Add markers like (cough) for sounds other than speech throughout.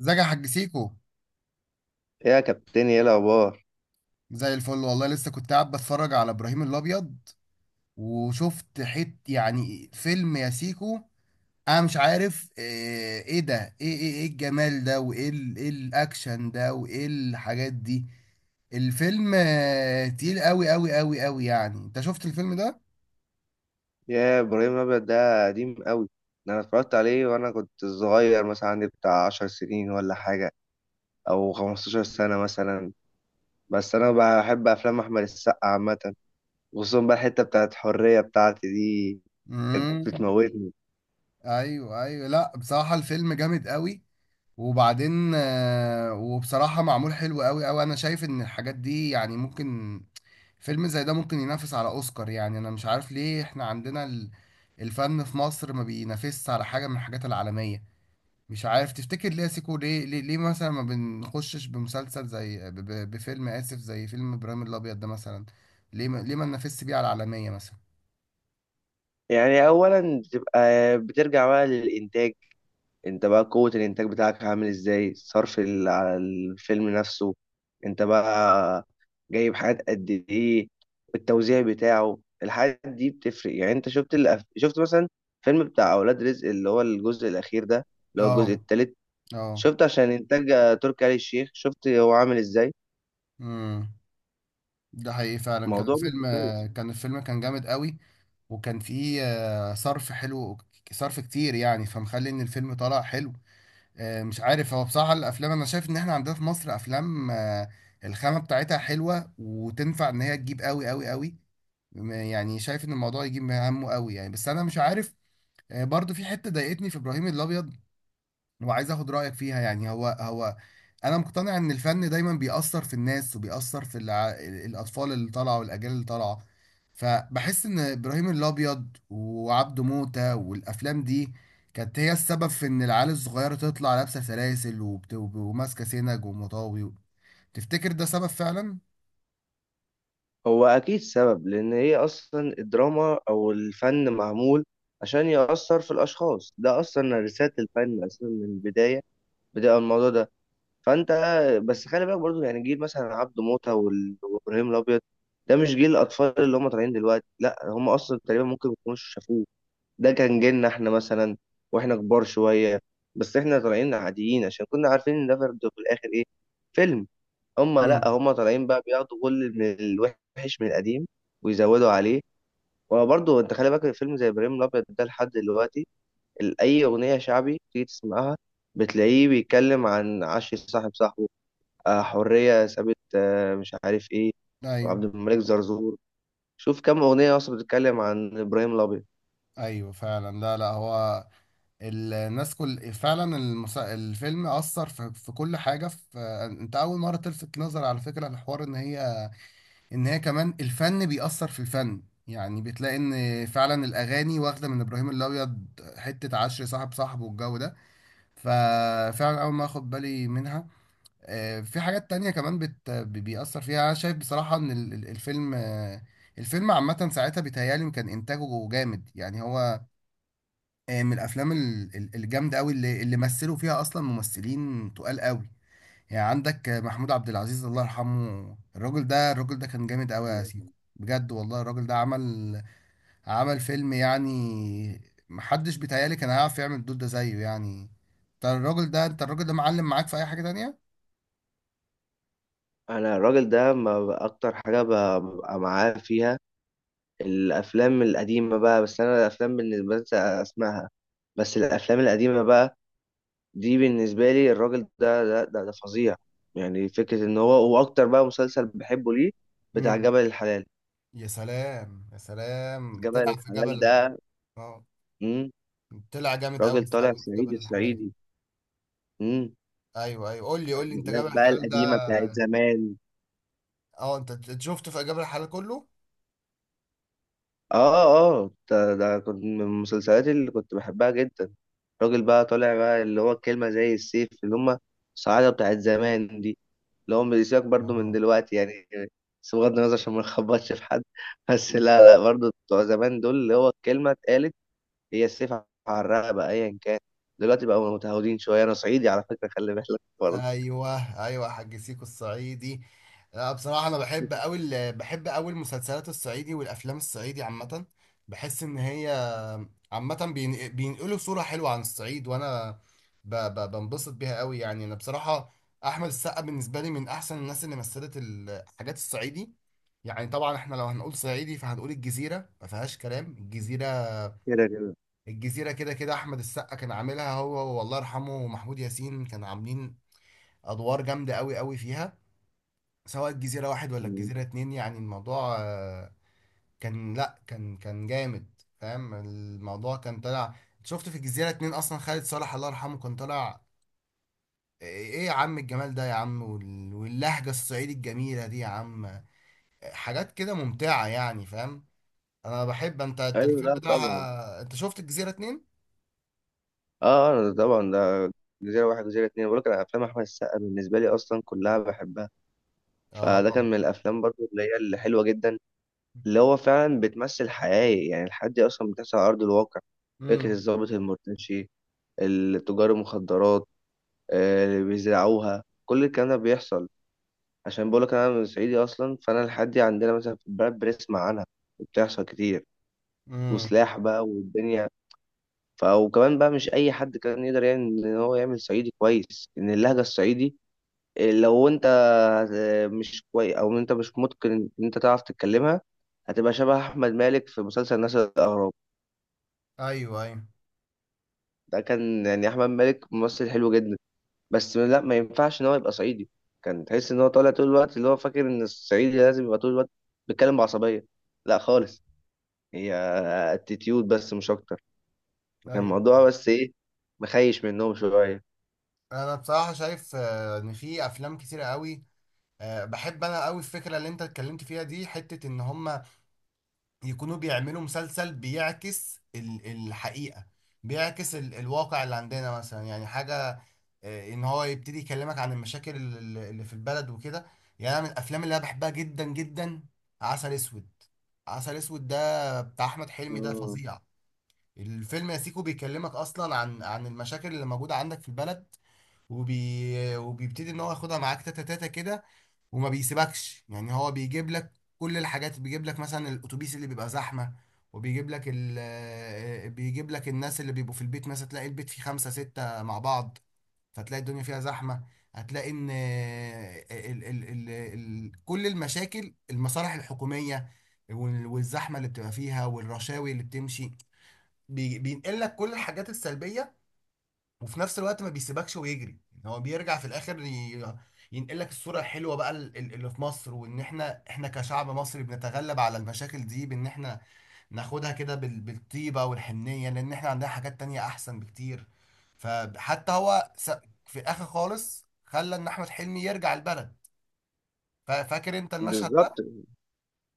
ازيك يا حاج سيكو؟ يا كابتن يا الاخبار. زي الفل والله، لسه كنت قاعد بتفرج على ابراهيم الابيض، وشفت يعني فيلم يا سيكو. انا مش عارف ايه الجمال ده، وايه ال- ايه الاكشن ده، وايه الحاجات دي. الفيلم، تقيل قوي قوي قوي قوي. يعني انت شفت الفيلم ده؟ يا ابراهيم الابيض ده قديم قوي، ده انا اتفرجت عليه وانا كنت صغير مثلا عندي بتاع 10 سنين ولا حاجه، او 15 سنه مثلا. بس انا بحب افلام احمد السقا عامه، خصوصا بقى الحته بتاعت حريه بتاعتي دي، كانت امم. بتموتني. ايوه ايوه، لا بصراحة الفيلم جامد قوي. وبعدين وبصراحة معمول حلو قوي قوي. انا شايف ان الحاجات دي يعني ممكن، فيلم زي ده ممكن ينافس على اوسكار. يعني انا مش عارف ليه احنا عندنا الفن في مصر ما بينافسش على حاجة من الحاجات العالمية. مش عارف، تفتكر ليه يا سيكو؟ ليه مثلا ما بنخشش بمسلسل زي، بفيلم، اسف، زي فيلم ابراهيم الابيض ده مثلا؟ ليه ما ننافسش بيه على العالمية مثلا؟ يعني اولا بتبقى، بترجع بقى للانتاج، انت بقى قوة الانتاج بتاعك عامل ازاي، الصرف على الفيلم نفسه، انت بقى جايب حاجات قد ايه، التوزيع بتاعه، الحاجات دي بتفرق. يعني انت شفت شفت مثلا فيلم بتاع اولاد رزق اللي هو الجزء الاخير ده، اللي هو الجزء اه الثالث، اه. شفت عشان انتاج تركي آل الشيخ، شفت هو عامل ازاي، امم. ده حقيقي فعلا، كان موضوع الفيلم، مختلف. كان جامد قوي. وكان فيه صرف حلو، صرف كتير يعني، فمخلي ان الفيلم طلع حلو. مش عارف، هو بصراحة الافلام، انا شايف ان احنا عندنا في مصر افلام، الخامة بتاعتها حلوة، وتنفع ان هي تجيب قوي قوي قوي. يعني شايف ان الموضوع يجيب همه قوي يعني، بس انا مش عارف. برضو في حتة ضايقتني في ابراهيم الابيض، وعايز اخد رايك فيها. يعني هو انا مقتنع ان الفن دايما بيأثر في الناس، وبيأثر في الاطفال اللي طالعه والاجيال اللي طالعه. فبحس ان ابراهيم الابيض وعبده موتة والافلام دي كانت هي السبب في ان العيال الصغيره تطلع لابسه سلاسل، وماسكه سنج ومطاوي. تفتكر ده سبب فعلا؟ هو اكيد سبب، لان هي اصلا الدراما او الفن معمول عشان يأثر في الاشخاص، ده اصلا رسالة الفن اصلا من البداية بتبقى الموضوع ده. فانت بس خلي بالك برضو، يعني جيل مثلا عبده موته وابراهيم الابيض ده مش جيل الاطفال اللي هم طالعين دلوقتي، لا هم اصلا تقريبا ممكن ما يكونوش شافوه، ده كان جيلنا احنا مثلا واحنا كبار شويه. بس احنا طالعين عاديين عشان كنا عارفين ان ده برضو في الاخر ايه، فيلم. هم لا، امم. هم طالعين بقى بياخدوا كل من الوحش من القديم ويزودوا عليه. وبرضه انت خلي بالك، الفيلم زي ابراهيم الابيض ده لحد دلوقتي، أي أغنية شعبي تيجي تسمعها بتلاقيه بيتكلم عن عش صاحب صاحبه، حرية سابت، مش عارف إيه، ايوه وعبد الملك زرزور. شوف كم أغنية أصلا بتتكلم عن إبراهيم الأبيض. ايوه فعلا. لا لا، هو الناس كل فعلا، الفيلم أثر في، في كل حاجة في. انت أول مرة تلفت نظر على فكرة الحوار، ان هي، كمان الفن بيأثر في الفن، يعني بتلاقي ان فعلا الأغاني واخدة من إبراهيم الأبيض، حتة عشر صاحب صاحبه والجو ده. ففعلا أول ما أخد بالي منها. في حاجات تانية كمان، بيأثر فيها. أنا شايف بصراحة ان الفيلم، الفيلم عامة ساعتها بيتهيألي كان إنتاجه جامد. يعني هو من الافلام الجامده قوي، اللي مثلوا فيها اصلا ممثلين تقال قوي. يعني عندك محمود عبد العزيز، الله يرحمه، الراجل ده كان جامد قوي يا سيكو، بجد والله. الراجل ده عمل، فيلم يعني. محدش بيتهيألي كان هيعرف يعمل الدور ده زيه يعني. انت الراجل ده معلم معاك في اي حاجه تانية. انا الراجل ده ما ب- اكتر حاجه ببقى معاه فيها الافلام القديمه بقى. بس انا الافلام بالنسبه لي اسمعها، بس الافلام القديمه بقى دي بالنسبه لي، الراجل ده ده فظيع. يعني فكره ان هو، واكتر بقى مسلسل بحبه ليه، بتاع امم. جبل الحلال. يا سلام يا سلام، جبل طلع في الحلال جبل. ده. اه، مم. طلع جامد راجل قوي طالع قوي في صعيدي جبل الحلال. الصعيدي، مم. ايوه ايوه، قول لي قول لي انت، جبل الناس بقى الحلال ده. القديمة بتاعت زمان. اه، انت شفته في اجابه الحلال كله. اه. اه، ده كنت من المسلسلات اللي كنت بحبها جدا. راجل بقى طالع بقى اللي هو الكلمة زي السيف، اللي هم الصعايدة بتاعت زمان دي، اللي هم بيسيبك برضو من اه. دلوقتي يعني. بس بغض النظر عشان ما نخبطش في حد (laughs) بس لا لا، برضو بتوع زمان دول اللي هو الكلمة اتقالت هي السيف على الرقبة ايا كان. دلوقتي بقوا متهودين شوية. انا صعيدي على فكرة خلي بالك، ايوه ايوه، حاج سيكو الصعيدي. لا بصراحه، انا بحب قوي بحب قوي المسلسلات الصعيدي والافلام الصعيدي عامه. بحس ان هي عامه بينقلوا صوره حلوه عن الصعيد، وانا بنبسط بيها قوي يعني. انا بصراحه، احمد السقا بالنسبه لي من احسن الناس اللي مثلت الحاجات الصعيدي. يعني طبعا احنا لو هنقول صعيدي فهنقول الجزيره، ما فيهاش كلام. الجزيره برضه. الجزيرة كده كده، أحمد السقا كان عاملها هو، والله يرحمه، ومحمود ياسين كان عاملين أدوار جامدة أوي أوي فيها، سواء الجزيرة واحد ولا مم. الجزيرة اتنين. يعني الموضوع كان، لأ كان جامد. فاهم الموضوع، كان طالع. شفت في الجزيرة اتنين أصلا خالد صالح، الله يرحمه، كان طالع، إيه يا عم الجمال ده يا عم، واللهجة الصعيدي الجميلة دي يا عم. حاجات كده ممتعة يعني، فاهم؟ أنا بحب، أنت ايوه، الفيلم لا ده، طبعا. أنت شفت الجزيرة اتنين؟ اه، طبعا ده، جزيره واحد جزيره اتنين، بقول لك انا افلام احمد السقا بالنسبه لي اصلا كلها بحبها. آه. فده كان من الافلام برضو اللي هي اللي حلوه جدا، اللي هو فعلا بتمثل حياه، يعني الحياه دي اصلا بتحصل على ارض الواقع. فكره الضابط المرتشي، التجار المخدرات، اللي بيزرعوها، كل الكلام ده بيحصل. عشان بقول لك انا من صعيدي اصلا، فانا الحياه دي عندنا مثلا في البلد بنسمع عنها، وبتحصل كتير، امم. وسلاح بقى والدنيا. وكمان بقى مش اي حد كان يقدر يعني ان هو يعمل صعيدي كويس، ان اللهجه الصعيدي لو انت مش كويس، او انت مش متقن ان انت تعرف تتكلمها، هتبقى شبه احمد مالك في مسلسل نسل الاغراب. ايوه ايوه ده كان يعني احمد مالك ممثل حلو جدا، بس لا، ما ينفعش ان هو يبقى صعيدي. كان تحس ان هو طالع طول الوقت اللي هو فاكر ان الصعيدي لازم يبقى طول الوقت بيتكلم بعصبيه، لا خالص. هي اتيتيود بس مش اكتر، فكان ايوه. الموضوع بس ايه، مخيش منهم شويه. انا بصراحه شايف، ان في افلام كتير قوي. بحب انا قوي الفكره اللي انت اتكلمت فيها دي، حته ان هم يكونوا بيعملوا مسلسل بيعكس الحقيقه، بيعكس الواقع اللي عندنا مثلا. يعني حاجه ان هو يبتدي يكلمك عن المشاكل اللي في البلد وكده. يعني انا من الافلام اللي انا بحبها جدا جدا، عسل اسود. عسل اسود ده بتاع احمد حلمي ده مم. فظيع. الفيلم يا سيكو بيكلمك اصلا عن، المشاكل اللي موجوده عندك في البلد، وبيبتدي ان هو ياخدها معاك تاتا تاتا كده، وما بيسيبكش. يعني هو بيجيب لك كل الحاجات، بيجيب لك مثلا الاتوبيس اللي بيبقى زحمه، وبيجيب لك ال... آه، بيجيب لك الناس اللي بيبقوا في البيت، مثلا تلاقي البيت فيه خمسة ستة مع بعض، فتلاقي الدنيا فيها زحمه. هتلاقي ان كل المشاكل، المصالح الحكوميه والزحمه اللي بتبقى فيها، والرشاوي اللي بتمشي، بينقل لك كل الحاجات السلبيه. وفي نفس الوقت ما بيسيبكش ويجري، يعني هو بيرجع في الاخر ينقل لك الصوره الحلوه بقى اللي في مصر، وان احنا كشعب مصري بنتغلب على المشاكل دي بان احنا ناخدها كده بالطيبه والحنيه، لان احنا عندنا حاجات تانية احسن بكتير. فحتى هو في اخر خالص خلى ان احمد حلمي يرجع البلد. فاكر انت المشهد بالظبط. ده؟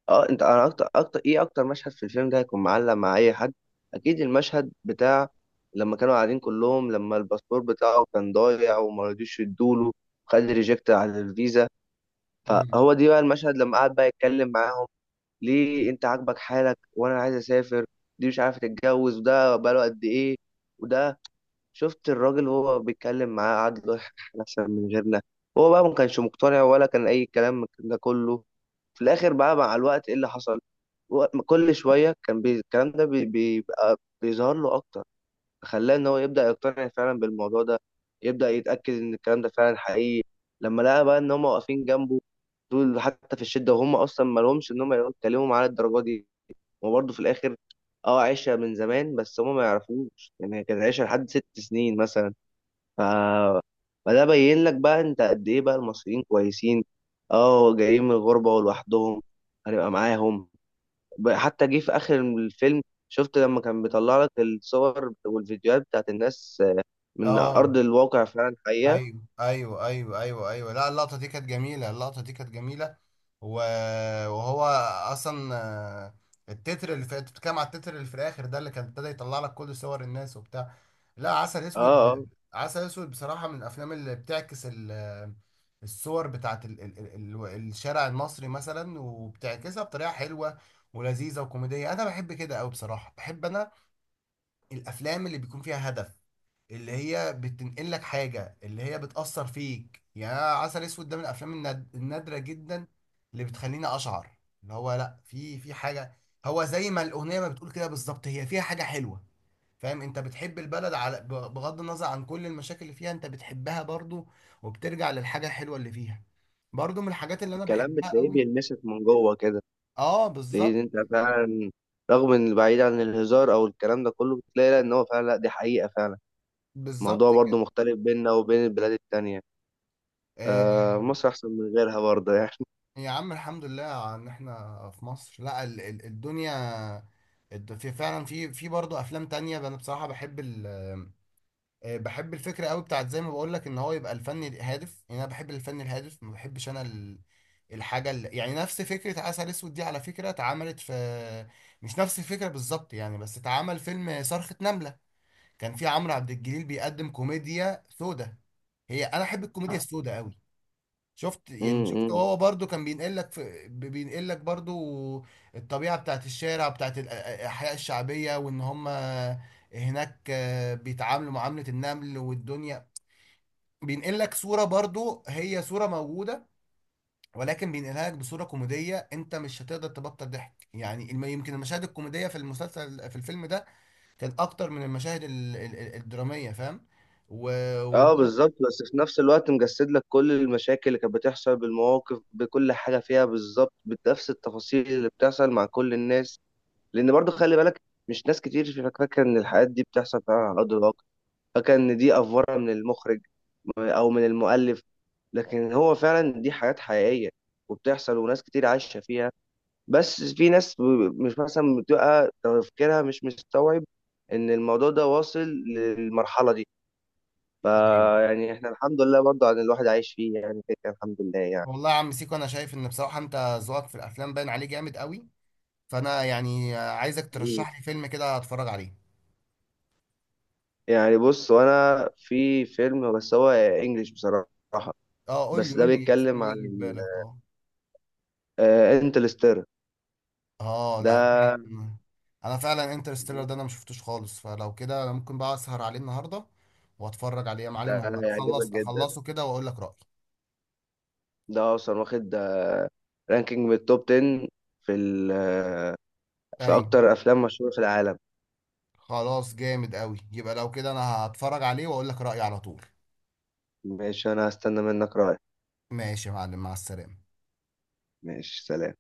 اه انت، انا اكتر مشهد في الفيلم ده هيكون معلق مع اي حد، اكيد المشهد بتاع لما كانوا قاعدين كلهم، لما الباسبور بتاعه كان ضايع وما رضيوش يدوله، خد ريجكت على الفيزا. مم. فهو دي بقى المشهد لما قعد بقى يتكلم معاهم، ليه انت عاجبك حالك وانا عايز اسافر، دي مش عارفه تتجوز وده بقاله قد ايه، وده. شفت الراجل وهو بيتكلم معاه قعد يقول احنا احسن من غيرنا، هو بقى ما كانش مقتنع ولا كان اي كلام من ده كله. في الاخر بقى مع الوقت ايه اللي حصل، كل شويه كان الكلام ده بيبقى بيظهر له اكتر، خلاه ان هو يبدا يقتنع فعلا بالموضوع ده، يبدا يتاكد ان الكلام ده فعلا حقيقي. لما لقى بقى ان هم واقفين جنبه، دول حتى في الشده، وهم اصلا ما لهمش ان هم يتكلموا معاه الدرجه دي. وبرضه في الاخر اه، عشره من زمان، بس هم ما يعرفوش، يعني هي كانت عشره لحد ست سنين مثلا. ف، فده بين لك بقى انت قد ايه بقى المصريين كويسين. اه جايين من الغربة ولوحدهم، هنبقى معاهم. حتى جه في اخر الفيلم، شفت لما كان بيطلع لك الصور والفيديوهات بتاعت الناس من اه، ارض الواقع فعلا حقيقة. ايوه ايوه ايوه ايوه ايوه، لا، اللقطه دي كانت جميله، اللقطه دي كانت جميله. و- وهو اصلا، التتر اللي في، انت بتتكلم على التتر اللي في الاخر ده، اللي كان ابتدى يطلع لك كل صور الناس وبتاع. لا، عسل اسود، اه، اه، عسل اسود بصراحه من الافلام اللي بتعكس الصور بتاعت ال ال ال ال الشارع المصري مثلا، وبتعكسها بطريقه حلوه ولذيذه وكوميديه. انا بحب كده قوي بصراحه، بحب انا الافلام اللي بيكون فيها هدف، اللي هي بتنقل لك حاجة، اللي هي بتأثر فيك يعني. أنا عسل اسود ده من الافلام النادرة جدا، اللي بتخليني اشعر اللي هو، لا، في، حاجة. هو زي ما الأغنية ما بتقول كده بالظبط، هي فيها حاجة حلوة، فاهم؟ انت بتحب البلد على بغض النظر عن كل المشاكل اللي فيها، انت بتحبها برضو، وبترجع للحاجة الحلوة اللي فيها. برضو من الحاجات اللي انا الكلام بحبها بتلاقيه قوي. بيلمسك من جوه كده، اه، تلاقيه إن بالظبط. انت فعلا رغم ان بعيد عن الهزار او الكلام ده كله، بتلاقي لا ان هو فعلا، لا دي حقيقة فعلا. بالظبط الموضوع برضو كده. مختلف بيننا وبين البلاد التانية، آه، آه مصر احسن من غيرها برضه يعني. يا عم، الحمد لله ان احنا في مصر. لا ال ال الدنيا، في فعلا، في برضه افلام تانية. انا بصراحة بحب بحب الفكرة قوي بتاعت، زي ما بقول لك ان هو يبقى الفن هادف، يعني انا بحب الفن الهادف. ما بحبش انا الحاجة اللي، يعني نفس فكرة عسل اسود دي على فكرة اتعملت في، مش نفس الفكرة بالظبط يعني، بس اتعمل فيلم صرخة نملة. كان في عمرو عبد الجليل بيقدم كوميديا سودة، هي انا احب الكوميديا السوداء قوي. شفت يعني، امم هو برضو كان بينقل لك، بينقل لك برضو الطبيعة بتاعت الشارع، بتاعت الأحياء الشعبية، وإن هم هناك بيتعاملوا معاملة النمل والدنيا. بينقل لك صورة، برضو هي صورة موجودة، ولكن بينقلها لك بصورة كوميدية. أنت مش هتقدر تبطل ضحك. يعني يمكن المشاهد الكوميدية في المسلسل في الفيلم ده كانت أكتر من المشاهد الدرامية، فاهم؟ اه وبرضو. بالظبط، بس في نفس الوقت مجسد لك كل المشاكل اللي كانت بتحصل بالمواقف، بكل حاجه فيها بالظبط، بنفس التفاصيل اللي بتحصل مع كل الناس. لان برضو خلي بالك، مش ناس كتير فاكره ان الحاجات دي بتحصل فعلا على ارض الواقع، فاكره ان دي افوره من المخرج او من المؤلف، لكن هو فعلا دي حاجات حقيقيه وبتحصل، وناس كتير عايشه فيها. بس في ناس مش مثلا بتبقى تفكيرها مش مستوعب ان الموضوع ده واصل للمرحله دي. أيوة. فيعني احنا الحمد لله برضو، عن الواحد عايش فيه يعني كده كده الحمد لله يعني. والله يا عم سيكو، انا شايف ان بصراحه انت ذوقك في الافلام باين عليه جامد قوي. فانا يعني عايزك حبيبي. ترشح لي فيلم كده اتفرج عليه. يعني بص، وانا في فيلم بس هو انجليش بصراحة، اه، قول لي بس ده قول لي فيلم بيتكلم عن يجي في بالك. اه. انتلستير. اه لا، ده انا فعلا، انترستيلر ده انا ما شفتوش خالص. فلو كده انا ممكن بقى اسهر عليه النهارده واتفرج عليه يا ده معلم، هيعجبك واخلص، جدا، اخلصه كده، واقول لك رايي. ده اصلا واخد رانكينج من التوب 10 في في ايوه. اكتر افلام مشهورة في العالم. خلاص جامد قوي، يبقى لو كده انا هتفرج عليه واقول لك رايي على طول. ماشي، انا هستنى منك رأيك. ماشي يا معلم، مع السلامه. ماشي سلام.